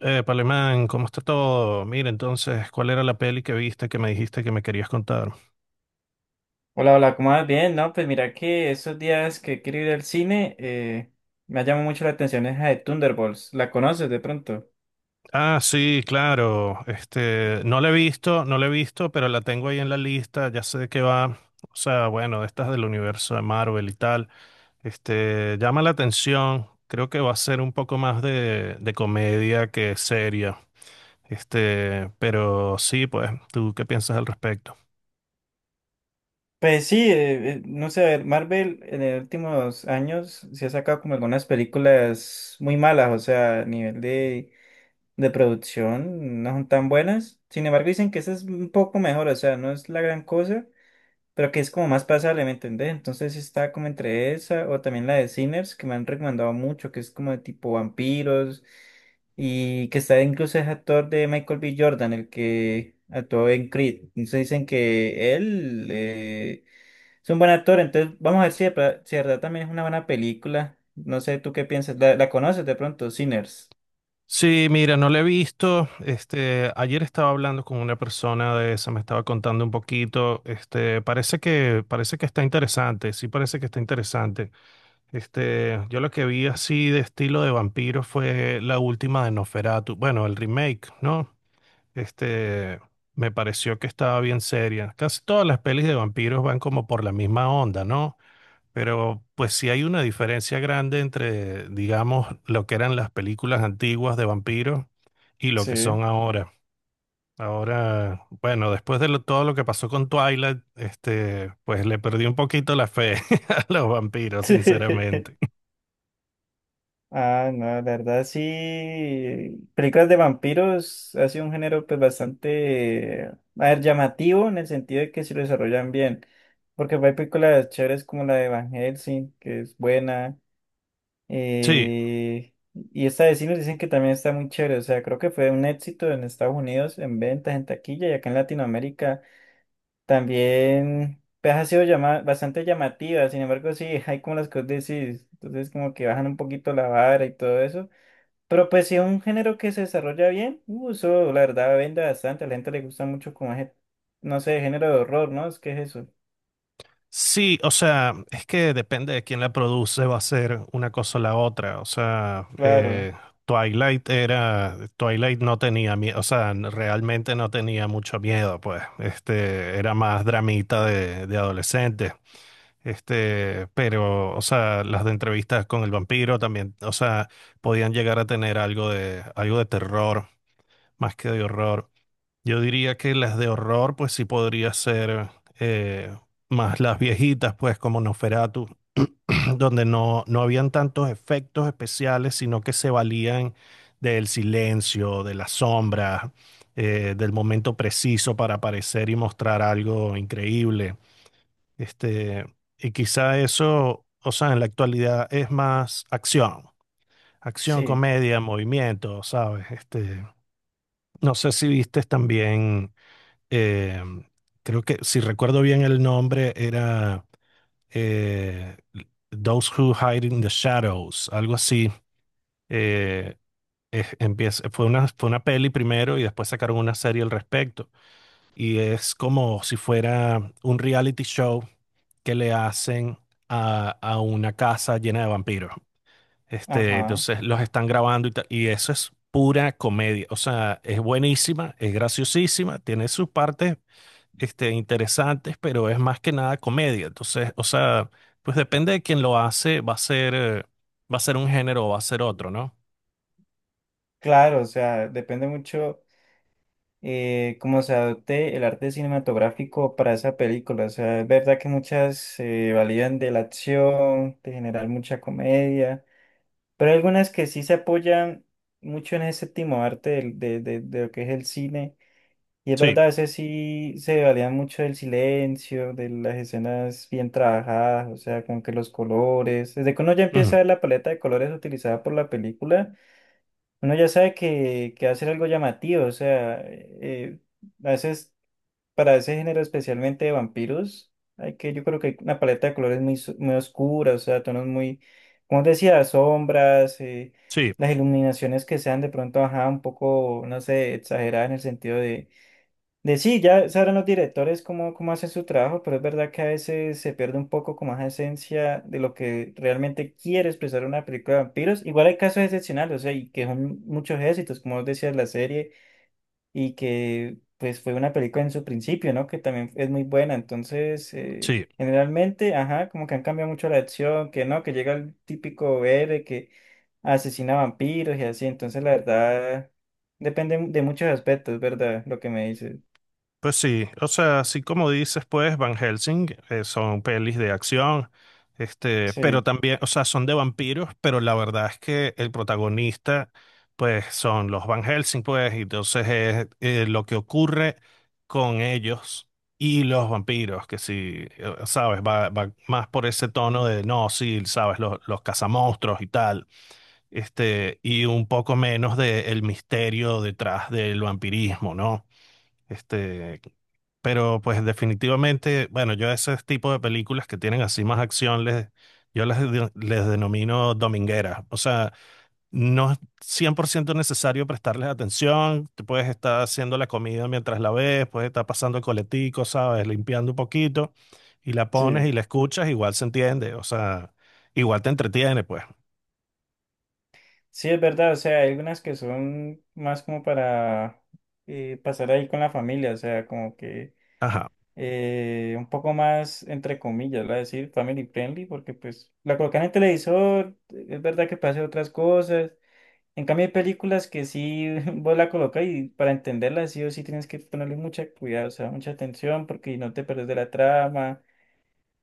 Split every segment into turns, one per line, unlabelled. Palemán, ¿cómo está todo? Mira, entonces, ¿cuál era la peli que viste que me dijiste que me querías contar?
Hola, hola, ¿cómo vas? Bien, no, pues mira que esos días que quiero ir al cine, me ha llamado mucho la atención esa de Thunderbolts, ¿la conoces de pronto?
Ah, sí, claro. No la he visto, pero la tengo ahí en la lista, ya sé de qué va. O sea, bueno, estas del universo de Marvel y tal. Llama la atención. Creo que va a ser un poco más de comedia que seria. Pero sí, pues, ¿tú qué piensas al respecto?
Pues sí, no sé, a ver, Marvel en los últimos años se ha sacado como algunas películas muy malas, o sea, a nivel de producción no son tan buenas, sin embargo dicen que esa es un poco mejor, o sea, no es la gran cosa, pero que es como más pasable, ¿me entendés? Entonces está como entre esa o también la de Sinners, que me han recomendado mucho, que es como de tipo vampiros y que está incluso es actor de Michael B. Jordan, el que actuó en Creed. Entonces dicen que él es un buen actor, entonces vamos a ver si si de verdad también es una buena película. No sé, ¿tú qué piensas? ¿La conoces de pronto, Sinners?
Sí, mira, no la he visto. Ayer estaba hablando con una persona de esa, me estaba contando un poquito. Este, parece que está interesante, sí parece que está interesante. Yo lo que vi así de estilo de vampiro fue la última de Nosferatu, bueno, el remake, ¿no? Este, Me pareció que estaba bien seria. Casi todas las pelis de vampiros van como por la misma onda, ¿no? Pero pues sí hay una diferencia grande entre, digamos, lo que eran las películas antiguas de vampiros y lo que
Sí.
son ahora. Ahora, bueno, después de todo lo que pasó con Twilight, pues le perdí un poquito la fe a los vampiros, sinceramente.
Ah, no, la verdad sí. Películas de vampiros ha sido un género pues bastante, a ver, llamativo en el sentido de que se lo desarrollan bien. Porque hay películas chéveres como la de Van Helsing, que es buena.
Sí,
eh, y esta de sí nos dicen que también está muy chévere. O sea, creo que fue un éxito en Estados Unidos en ventas, en taquilla y acá en Latinoamérica también pues, ha sido bastante llamativa. Sin embargo, sí, hay como las que vos decís. Entonces como que bajan un poquito la vara y todo eso. Pero pues si es un género que se desarrolla bien, eso la verdad vende bastante, a la gente le gusta mucho como ese, no sé, género de horror, ¿no? Es que es eso.
sí, o sea, es que depende de quién la produce, va a ser una cosa o la otra. O sea,
Claro,
Twilight era, Twilight no tenía miedo, o sea, realmente no tenía mucho miedo, pues, este, era más dramita de adolescentes. Pero, o sea, las de entrevistas con el vampiro también, o sea, podían llegar a tener algo de terror, más que de horror. Yo diría que las de horror, pues sí podría ser eh, más las viejitas, pues como Nosferatu, donde no, no habían tantos efectos especiales, sino que se valían del silencio, de las sombras, del momento preciso para aparecer y mostrar algo increíble. Este, y quizá eso, o sea, en la actualidad es más acción, acción,
sí,
comedia, movimiento, ¿sabes? No sé si viste también, eh, creo que si recuerdo bien el nombre, era eh, Those Who Hide in the Shadows, algo así. Eh, Empieza, fue una peli primero y después sacaron una serie al respecto. Y es como si fuera un reality show que le hacen a una casa llena de vampiros.
ajá,
Entonces los están grabando y tal, y eso es pura comedia. O sea, es buenísima, es graciosísima, tiene sus partes interesantes, pero es más que nada comedia. Entonces, o sea, pues depende de quién lo hace, va a ser un género o va a ser otro, ¿no?
claro, o sea, depende mucho cómo se adopte el arte cinematográfico para esa película, o sea, es verdad que muchas se validan de la acción, de generar mucha comedia, pero hay algunas que sí se apoyan mucho en ese séptimo arte de lo que es el cine. Y es
Sí,
verdad, ese sí se valía mucho del silencio, de las escenas bien trabajadas, o sea, como que los colores. Desde que uno ya
ujú,
empieza a ver la paleta de colores utilizada por la película, uno ya sabe que va a ser algo llamativo, o sea, a veces, para ese género especialmente de vampiros, hay que, yo creo que hay una paleta de colores muy, muy oscura, o sea, tonos muy, como decía, sombras,
sí,
las iluminaciones que sean de pronto, ajá, un poco, no sé, exageradas en el sentido de sí, ya sabrán los directores cómo, cómo hacen su trabajo, pero es verdad que a veces se pierde un poco como esa esencia de lo que realmente quiere expresar una película de vampiros. Igual hay casos excepcionales, o sea, y que son muchos éxitos, como vos decías, la serie, y que pues fue una película en su principio, ¿no? Que también es muy buena. Entonces,
sí.
generalmente, ajá, como que han cambiado mucho la acción, que no, que llega el típico héroe que asesina vampiros y así. Entonces, la verdad, depende de muchos aspectos, ¿verdad? Lo que me dices.
Pues sí, o sea, así como dices, pues Van Helsing son pelis de acción, pero
Sí.
también, o sea, son de vampiros, pero la verdad es que el protagonista, pues son los Van Helsing, pues, y entonces es lo que ocurre con ellos y los vampiros, que sí, sabes, va más por ese tono de, no, sí, sabes, los cazamonstruos y tal, y un poco menos de el misterio detrás del vampirismo, ¿no? Este, pero pues definitivamente, bueno, yo ese tipo de películas que tienen así más acción, yo les denomino domingueras. O sea, no es 100% necesario prestarles atención. Te puedes estar haciendo la comida mientras la ves, puedes estar pasando el coletico, ¿sabes? Limpiando un poquito y la pones
Sí,
y la escuchas, igual se entiende. O sea, igual te entretiene, pues.
sí, es verdad, o sea, hay algunas que son más como para pasar ahí con la familia, o sea, como que
Ajá.
un poco más, entre comillas, ¿verdad? Decir family friendly, porque pues la colocan en el televisor, es verdad que puede hacer otras cosas, en cambio hay películas que sí vos la colocas y para entenderla sí o sí tienes que ponerle mucha cuidado, o sea, mucha atención, porque no te perdes de la trama.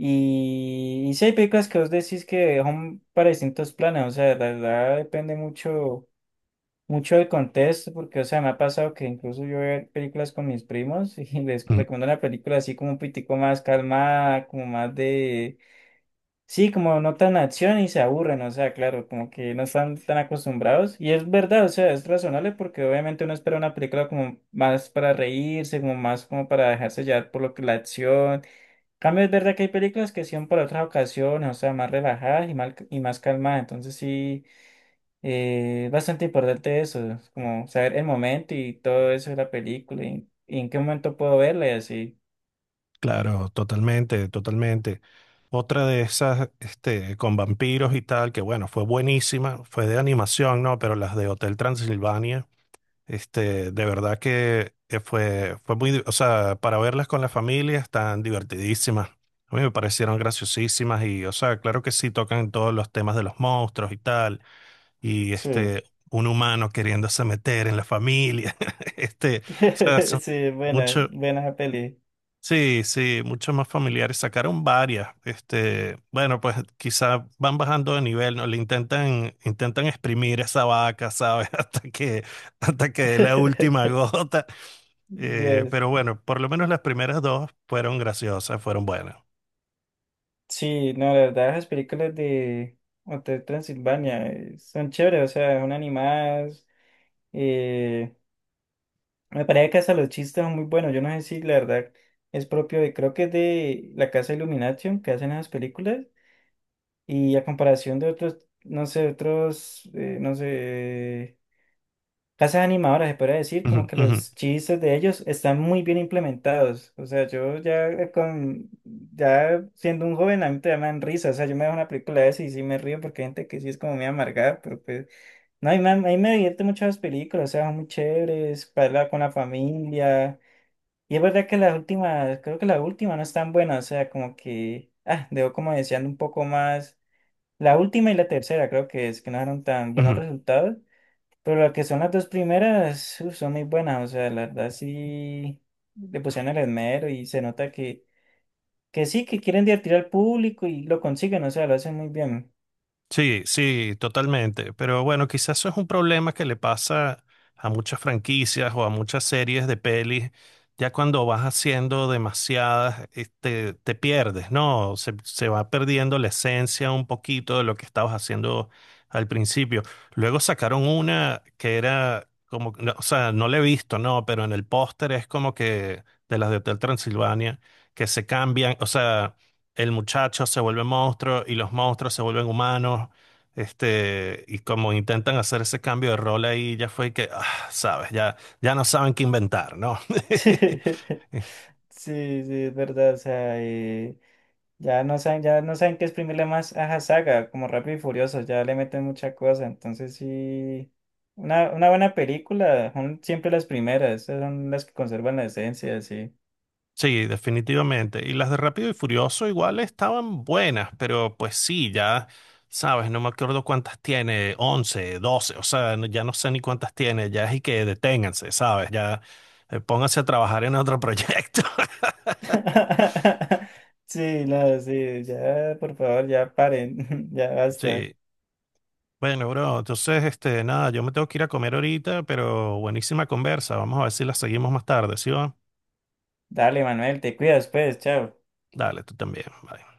Y sí hay películas que vos decís que son para distintos planes, o sea, la verdad depende mucho el contexto, porque, o sea, me ha pasado que incluso yo veo películas con mis primos y les
Mm.
recomiendo una película así como un pitico más calmada, como más de, sí, como no tan acción y se aburren, o sea, claro, como que no están tan acostumbrados. Y es verdad, o sea, es razonable porque obviamente uno espera una película como más para reírse, como más como para dejarse llevar por lo que la acción. En cambio, es verdad que hay películas que son para otras ocasiones, o sea, más relajadas y, mal, y más calmadas, entonces sí. Bastante importante eso, es como saber el momento y todo eso de la película y en qué momento puedo verla y así.
Claro, totalmente, totalmente. Otra de esas, este, con vampiros y tal, que bueno, fue buenísima, fue de animación, ¿no? Pero las de Hotel Transilvania, de verdad que fue, fue muy, o sea, para verlas con la familia están divertidísimas. A mí me parecieron graciosísimas y, o sea, claro que sí tocan todos los temas de los monstruos y tal, y
Sí.
este, un humano queriéndose meter en la familia, este, o sea, son
Sí, buena,
mucho.
buena esa peli.
Sí, sí, mucho más familiares. Sacaron varias. Este, bueno, pues quizá van bajando de nivel, ¿no? Intentan exprimir esa vaca, ¿sabes? Hasta que dé la última gota.
Dios.
Pero bueno, por lo menos las primeras dos fueron graciosas, fueron buenas.
Sí, no, la verdad, las películas de Hotel Transilvania son chéveres, o sea, son animadas. eh, Me parece que hasta los chistes son muy buenos. Yo no sé si la verdad es propio de, creo que es de la Casa Illumination que hacen esas películas. Y a comparación de otros, no sé, casas animadoras, se podría decir,
Ujú,
como que
ujú,
los chistes de ellos están muy bien implementados. O sea, yo ya con, ya siendo un joven, a mí te dan risa. O sea, yo me veo una película de esas y sí me río porque hay gente que sí es como muy amargada, pero pues, no, a mí me divierte mucho las películas, o sea, son muy chéveres, para hablar con la familia. Y es verdad que las últimas, creo que la última no es tan buena, o sea, como que, ah, debo como deseando un poco más la última y la tercera creo que es que no dieron tan buenos
ujú.
resultados, pero lo que son las dos primeras uf, son muy buenas, o sea, la verdad sí le pusieron el esmero y se nota que sí, que quieren divertir al público y lo consiguen, o sea, lo hacen muy bien.
Sí, sí, totalmente. Pero bueno, quizás eso es un problema que le pasa a muchas franquicias o a muchas series de pelis. Ya cuando vas haciendo demasiadas, te pierdes, ¿no? Se va perdiendo la esencia un poquito de lo que estabas haciendo al principio. Luego sacaron una que era como, no, o sea, no la he visto, ¿no? Pero en el póster es como que de las de Hotel Transilvania, que se cambian, o sea el muchacho se vuelve monstruo y los monstruos se vuelven humanos. Y como intentan hacer ese cambio de rol ahí, ya fue que, ah, sabes, ya, ya no saben qué inventar, ¿no?
Sí, sí, es verdad, o sea, ya no saben qué exprimirle más a la Saga, como Rápido y Furioso, ya le meten mucha cosa, entonces sí. Una buena película, son siempre las primeras, esas son las que conservan la esencia, sí.
Sí, definitivamente. Y las de Rápido y Furioso igual estaban buenas, pero pues sí, ya, sabes, no me acuerdo cuántas tiene, 11, 12, o sea, ya no sé ni cuántas tiene, ya es y que deténganse, ¿sabes? Ya pónganse a trabajar en otro proyecto.
Sí, no, sí, ya, por favor, ya paren, ya basta.
Sí, bueno, bro, entonces, nada, yo me tengo que ir a comer ahorita, pero buenísima conversa. Vamos a ver si la seguimos más tarde, ¿sí va?
Dale, Manuel, te cuidas, pues, chao.
Dale, tú también. Bye.